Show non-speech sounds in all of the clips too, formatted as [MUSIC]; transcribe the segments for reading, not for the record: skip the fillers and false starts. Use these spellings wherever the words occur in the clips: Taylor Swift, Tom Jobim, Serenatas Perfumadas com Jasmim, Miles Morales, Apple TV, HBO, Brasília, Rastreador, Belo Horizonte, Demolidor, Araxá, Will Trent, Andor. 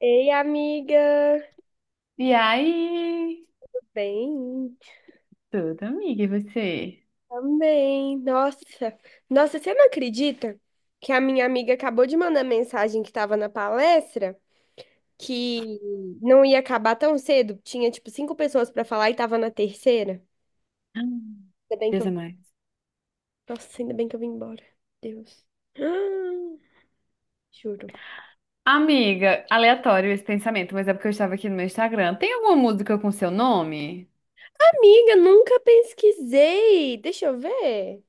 Ei, amiga. E aí? Bem, Tudo, amiga, e você? também. Nossa. Nossa, você não acredita que a minha amiga acabou de mandar mensagem que estava na palestra que não ia acabar tão cedo? Tinha, tipo, cinco pessoas para falar e tava na terceira. Hum. Ainda bem que Deus é eu... mais. Nossa, ainda bem que eu vim embora. Deus. [GASPS] Ah, juro. Amiga, aleatório esse pensamento, mas é porque eu estava aqui no meu Instagram. Tem alguma música com seu nome? Amiga, nunca pesquisei. Deixa eu ver.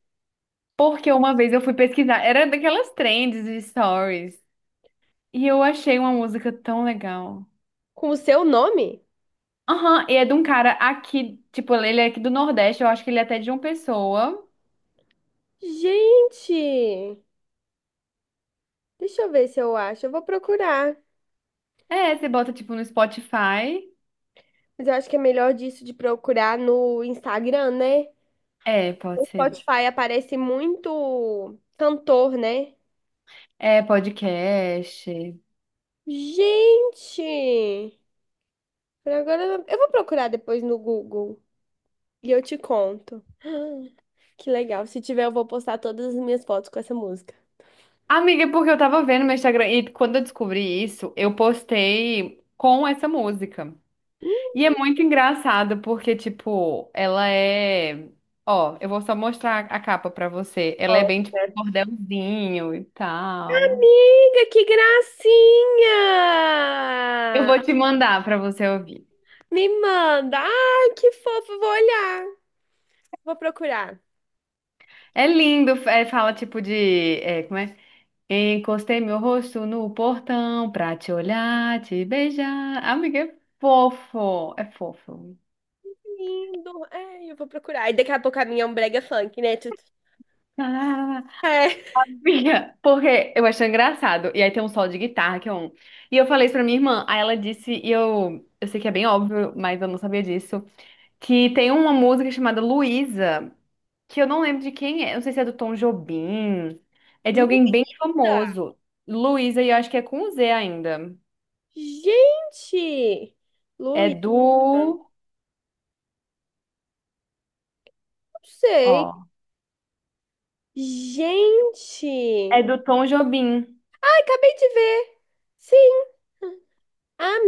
Porque uma vez eu fui pesquisar, era daquelas trends de stories, e eu achei uma música tão legal. Com o seu nome? Aham, e é de um cara aqui, tipo, ele é aqui do Nordeste, eu acho que ele é até de uma pessoa. Gente, deixa eu ver se eu acho. Eu vou procurar. É, você bota tipo no Spotify. Mas eu acho que é melhor disso de procurar no Instagram, né? É, O pode ser. Spotify aparece muito cantor, né? É, podcast. Gente! Por agora eu vou procurar depois no Google e eu te conto. [GASPS] Que legal. Se tiver, eu vou postar todas as minhas fotos com essa música. Amiga, é porque eu tava vendo meu Instagram e quando eu descobri isso, eu postei com essa música. E é muito engraçado porque, tipo, ela é. Ó, eu vou só mostrar a capa pra você. Ela é bem, tipo, Nossa. cordelzinho e tal. Amiga, que Eu gracinha! vou te mandar pra você ouvir. Me manda! Ai, que fofo! Vou olhar. Vou procurar. É lindo, é, fala, tipo, de. É, como é? Encostei meu rosto no portão pra te olhar, te beijar. Amiga, é fofo, é fofo. Lindo. É, eu vou procurar. E daqui a pouco a minha é um brega funk, né? É. Minha, porque eu achei engraçado. E aí tem um solo de guitarra que é um. E eu falei isso pra minha irmã. Aí ela disse, e eu sei que é bem óbvio, mas eu não sabia disso, que tem uma música chamada Luísa, que eu não lembro de quem é. Eu não sei se é do Tom Jobim. É de alguém Luísa. bem famoso. Luísa, e eu acho que é com Z ainda. Gente. É Luísa. Não do. sei. Ó. É Gente. do Tom Jobim. Ai, acabei de ver. Sim.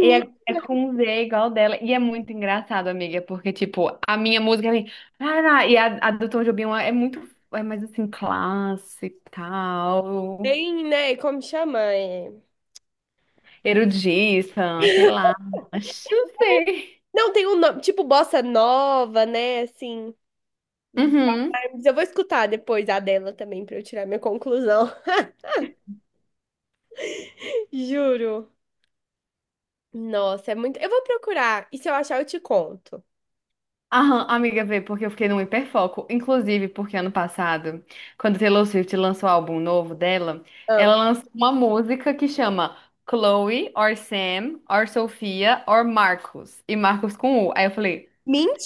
E é com Z igual dela. E é muito engraçado, amiga, porque, tipo, a minha música é. Ah, não, e a do Tom Jobim é muito. É mais assim, clássica, e tal, Tem, né? Como chama? Erudita, sei lá. Acho, não sei. Não, tem um nome. Tipo bossa nova, né? Assim. Uhum. Mas eu vou escutar depois a dela também pra eu tirar minha conclusão. [LAUGHS] Juro. Nossa, é muito. Eu vou procurar. E se eu achar, eu te conto. Aham, amiga, vê, porque eu fiquei num hiperfoco. Inclusive, porque ano passado, quando Taylor Swift lançou o álbum novo dela, Ah. ela lançou uma música que chama Chloe, or Sam, or Sofia, or Marcos. E Marcos com U. Aí eu falei.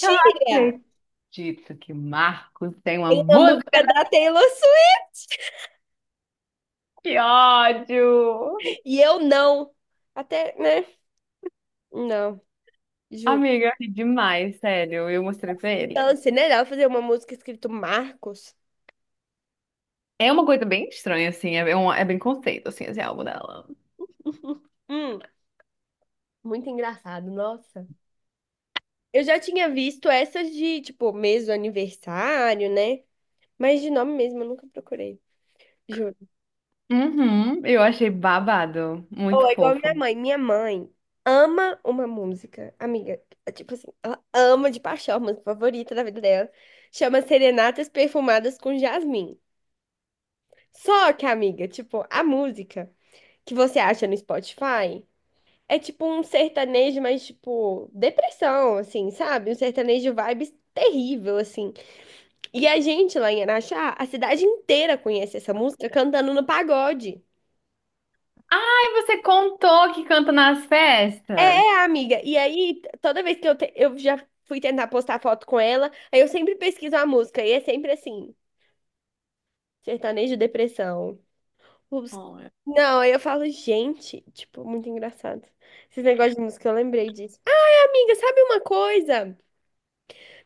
Eu não acredito que Marcos tem uma Tem uma música música da. da Taylor Swift! Que ódio! E eu não. Até, né? Não, juro. Amiga, eu ri demais, sério. Eu mostrei pra ele. Então, assim, né? Ela fazer uma música escrito Marcos. É uma coisa bem estranha, assim. É bem conceito, assim, esse álbum dela. [LAUGHS] Hum, muito engraçado, nossa. Eu já tinha visto essas de, tipo, mês do aniversário, né? Mas de nome mesmo eu nunca procurei, juro. Uhum, eu achei babado. Ou Muito é igual a minha fofo. mãe. Minha mãe ama uma música, amiga. Tipo assim, ela ama de paixão, a música favorita da vida dela. Chama Serenatas Perfumadas com Jasmim. Só que, amiga, tipo, a música que você acha no Spotify é tipo um sertanejo, mas tipo, depressão, assim, sabe? Um sertanejo vibes terrível, assim. E a gente lá em Araxá, a cidade inteira conhece essa música cantando no pagode. Ai, você contou que canta nas É, festas? é, amiga. E aí, toda vez que eu já fui tentar postar foto com ela, aí eu sempre pesquiso a música e é sempre assim, sertanejo depressão. Os- Oh, é. Não, aí eu falo, gente, tipo, muito engraçado. Esses negócios de música, eu lembrei disso. Amiga, sabe uma coisa?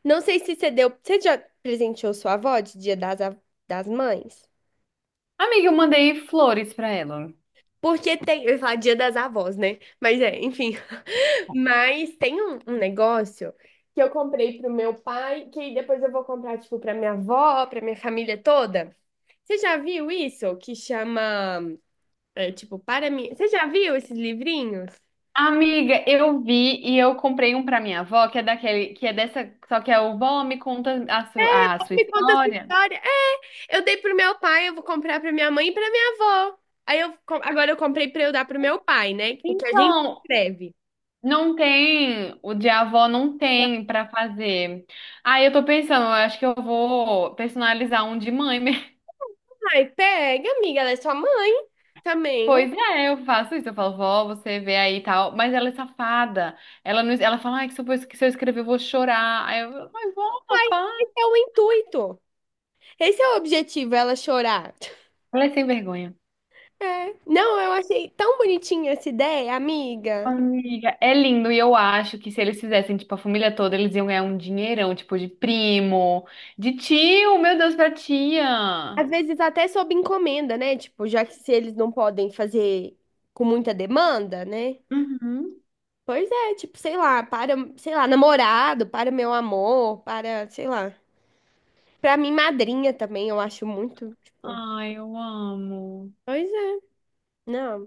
Não sei se você deu. Você já presenteou sua avó de Dia das Mães? Amiga, eu mandei flores pra ela. Porque tem. Eu ia falar Dia das Avós, né? Mas é, enfim. [LAUGHS] Mas tem um negócio que eu comprei pro meu pai, que aí depois eu vou comprar, tipo, pra minha avó, pra minha família toda. Você já viu isso? Que chama. É, tipo, para mim. Você já viu esses livrinhos? Amiga, eu vi e eu comprei um pra minha avó, que é daquele, que é dessa, só que é o vó me conta a, a sua Me conta essa história. história. É, eu dei pro meu pai, eu vou comprar pra minha mãe e pra minha avó. Aí agora eu comprei pra eu dar pro meu pai, né? O que a gente Então, escreve. não tem, o de avó não tem pra fazer. Aí eu tô pensando, eu acho que eu vou personalizar um de mãe mesmo. [LAUGHS] Ai, pega, amiga, ela é sua mãe também. Pois é, eu faço isso, eu falo, vó, você vê aí e tal, mas ela é safada. Ela não, ela fala, ai, que se eu escrever eu vou chorar. Aí eu, mas vó, fala. Esse é o intuito. Esse é o objetivo, ela chorar. Ela é sem vergonha. É. Não, eu achei tão bonitinha essa ideia, amiga. Amiga, é lindo e eu acho que se eles fizessem, tipo, a família toda, eles iam ganhar um dinheirão, tipo, de primo, de tio, meu Deus, pra tia. Às vezes até sob encomenda, né? Tipo, já que se eles não podem fazer com muita demanda, né? Uhum. Pois é, tipo, sei lá, para, sei lá, namorado, para meu amor, para, sei lá. Pra mim, madrinha também, eu acho muito, tipo. Ai, eu amo. Pois é. Não,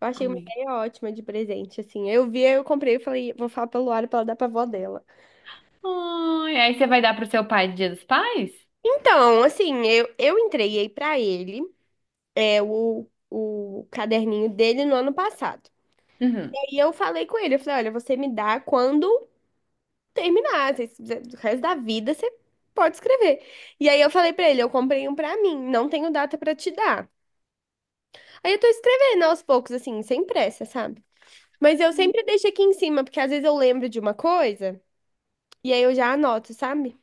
eu achei uma Amiga. ideia ótima de presente, assim. Eu vi, eu comprei, eu falei, vou falar pra Luara pra ela dar pra avó dela. Ai, aí você vai dar pro seu pai de Dia dos Pais? Então, assim, eu entreguei pra ele é, o caderninho dele no ano passado. Uhum. E aí eu falei com ele, eu falei, olha, você me dá quando terminar, o resto da vida você pode escrever. E aí eu falei pra ele, eu comprei um pra mim, não tenho data pra te dar. Aí eu tô escrevendo aos poucos, assim, sem pressa, sabe? Mas eu sempre deixo aqui em cima, porque às vezes eu lembro de uma coisa e aí eu já anoto, sabe?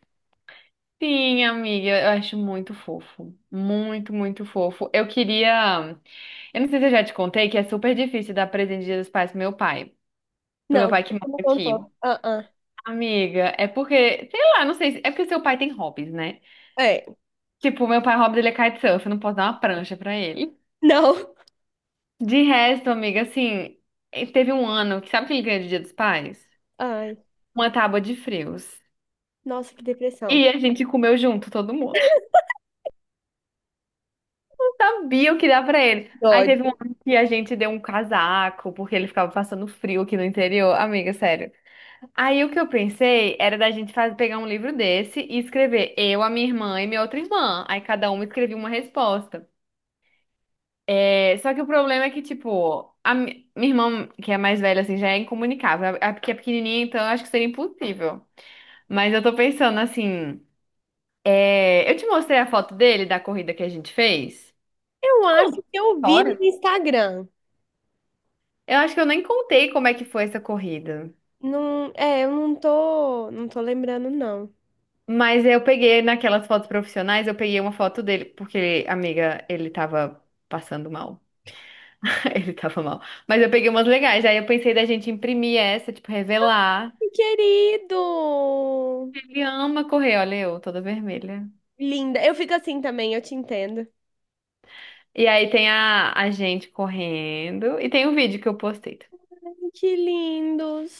Sim, amiga, eu acho muito fofo. Muito, muito fofo. Eu queria. Eu não sei se eu já te contei que é super difícil dar presente de Dia dos Pais pro meu pai. Pro Não, meu pai que você mora não contou. aqui. Ah, Amiga, é porque, sei lá, não sei, é porque seu pai tem hobbies, né? ah. É, Tipo, meu pai, o hobby dele é kitesurf, eu não posso dar uma prancha pra ele. não. De resto, amiga, assim, teve um ano que sabe o que ele ganhou de Dia dos Pais? Ai, Uma tábua de frios. nossa, que depressão. E a gente comeu junto, todo mundo. [LAUGHS] Sabia o que dá pra ele. Aí Dói. teve um ano que a gente deu um casaco, porque ele ficava passando frio aqui no interior. Amiga, sério. Aí o que eu pensei era da gente pegar um livro desse e escrever eu, a minha irmã e minha outra irmã. Aí cada uma escrevia uma resposta. É, só que o problema é que, tipo, a minha irmã, que é mais velha, assim, já é incomunicável. A que é pequenininha, então eu acho que seria impossível. Mas eu tô pensando assim. Eu te mostrei a foto dele da corrida que a gente fez? Eu acho Conta a que eu vi história. no Instagram. Eu acho que eu nem contei como é que foi essa corrida. Não, é, eu não tô, lembrando, não. Mas eu peguei naquelas fotos profissionais, eu peguei uma foto dele, porque, amiga, ele tava passando mal. [LAUGHS] Ele tava mal. Mas eu peguei umas legais. Aí eu pensei da gente imprimir essa, tipo, revelar. Que querido! Ele ama correr, olha eu, toda vermelha. Linda. Eu fico assim também, eu te entendo. E aí tem a gente correndo. E tem um vídeo que eu postei. Ai, que lindos.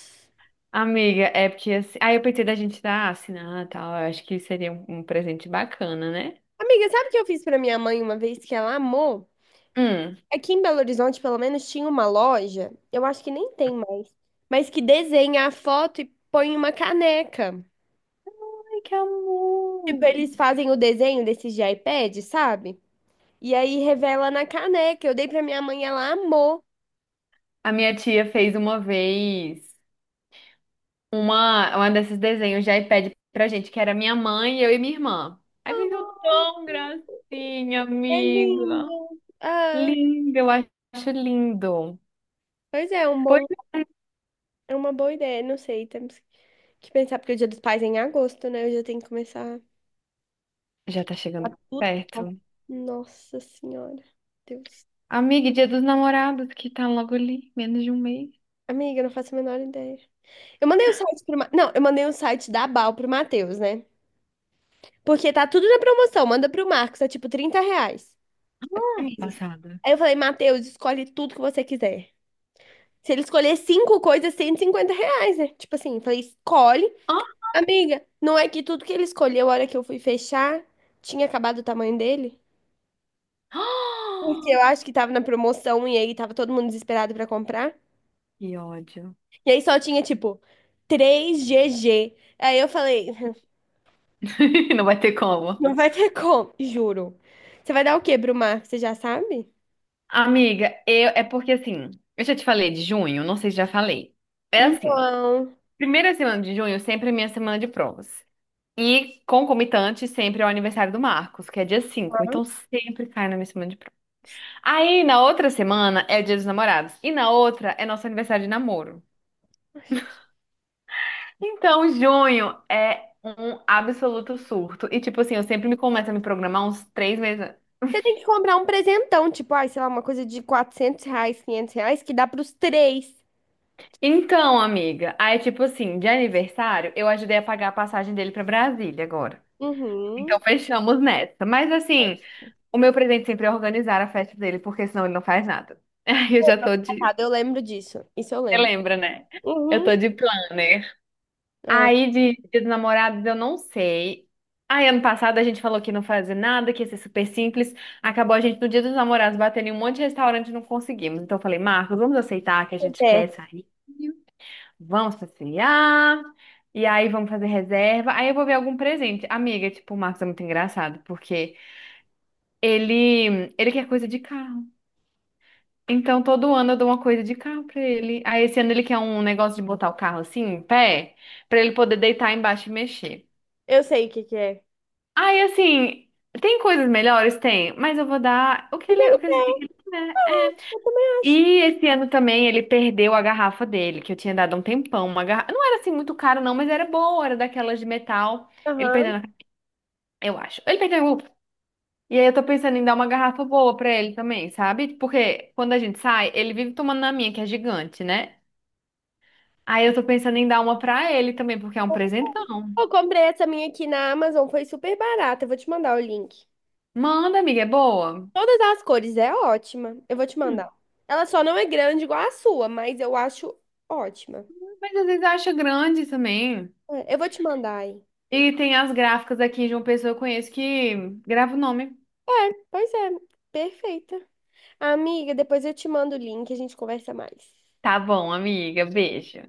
Amiga, é porque assim. Aí eu pensei da gente dar assinar e tal. Eu acho que seria um presente bacana, né? Amiga, sabe o que eu fiz pra minha mãe uma vez que ela amou? Hum. Aqui em Belo Horizonte, pelo menos, tinha uma loja, eu acho que nem tem mais, mas que desenha a foto e põe uma caneca. Ai, que Tipo, amor! eles fazem o desenho desses de iPad, sabe? E aí revela na caneca. Eu dei pra minha mãe, ela amou. A minha tia fez uma vez uma desses desenhos de iPad pra gente, que era minha mãe, eu e minha irmã. Aí ficou Oh, tão gracinha, é amiga. lindo. Ah, Lindo, eu acho lindo. pois é, Pois é, é uma boa ideia, não sei, temos que pensar, porque o Dia dos Pais é em agosto, né? Eu já tenho que começar. já tá Tá chegando tudo bom. perto. Nossa Senhora. Deus. Amiga, e Dia dos Namorados, que tá logo ali, menos de um mês. Amiga, eu não faço a menor ideia. Eu mandei o site pro. Não, eu mandei o site da Bal pro Matheus, né? Porque tá tudo na promoção. Manda pro Marcos, é tipo R$ 30. Camisas. Passada. Aí eu falei, Matheus, escolhe tudo que você quiser. Se ele escolher cinco coisas, R$ 150, né? Tipo assim, eu falei, escolhe. Ah! Amiga, não é que tudo que ele escolheu, a hora que eu fui fechar, tinha acabado o tamanho dele? Ah! Porque [GASPS] eu acho que tava na promoção e aí tava todo mundo desesperado pra comprar. Que ódio. E aí só tinha, tipo, 3GG. Aí eu falei, [LAUGHS] [LAUGHS] Não vai ter como. não vai ter como, juro. Você vai dar o quê pro Marco? Você já sabe? Amiga, eu, é porque assim, eu já te falei de junho, não sei se já falei. É assim. Então, Primeira semana de junho sempre é minha semana de provas. E concomitante sempre é o aniversário do Marcos, que é dia 5. Então sempre cai na minha semana de provas. Aí na outra semana é o dia dos namorados. E na outra é nosso aniversário de namoro. Então junho é um absoluto surto. E tipo assim, eu sempre me começo a me programar uns 3 meses antes. você tem que comprar um presentão, tipo, ai, sei lá, uma coisa de R$ 400, R$ 500, que dá pros três. Então, amiga, aí tipo assim, de aniversário, eu ajudei a pagar a passagem dele pra Brasília agora. Então Uhum. fechamos nessa. Mas assim. O meu presente sempre é organizar a festa dele, porque senão ele não faz nada. [LAUGHS] Aí eu já tô de. Engraçado, eu lembro disso. Isso eu Você lembro. lembra, né? Eu Uhum. tô de planner. Ah, Aí de Dia dos Namorados eu não sei. Aí ano passado a gente falou que não fazia nada, que ia ser super simples. Acabou a gente no Dia dos Namorados batendo em um monte de restaurante e não conseguimos. Então eu falei, Marcos, vamos aceitar que a pois gente quer é. sair. Vamos passear. E aí vamos fazer reserva. Aí eu vou ver algum presente. Amiga, tipo, o Marcos é muito engraçado, porque ele quer coisa de carro. Então, todo ano eu dou uma coisa de carro pra ele. Aí, esse ano ele quer um negócio de botar o carro assim, em pé, pra ele poder deitar embaixo e mexer. Eu sei o que que é. Aí, assim, tem coisas melhores? Tem, mas eu vou dar o que Porque ele, ele o que tem. ele quiser. Ah, É. eu também acho. E esse ano também ele perdeu a garrafa dele, que eu tinha dado há um tempão. Uma garrafa... Não era assim muito cara, não, mas era boa, era daquelas de metal. Ele Aham. perdeu, eu acho. Ele perdeu. E aí eu tô pensando em dar uma garrafa boa pra ele também, sabe? Porque quando a gente sai, ele vive tomando na minha, que é gigante, né? Aí eu tô pensando em dar uma pra ele também, porque é um presentão. Eu comprei essa minha aqui na Amazon, foi super barata. Eu vou te mandar o link. Manda, amiga, é boa. Todas as cores, é ótima. Eu vou te Hum. mandar. Ela só não é grande igual a sua, mas eu acho ótima. Mas às vezes acha grande também. É, eu vou te mandar aí. E tem as gráficas aqui de uma pessoa que eu conheço que grava o nome. É, pois é, perfeita. Amiga, depois eu te mando o link, a gente conversa mais. Tá bom, amiga, beijo.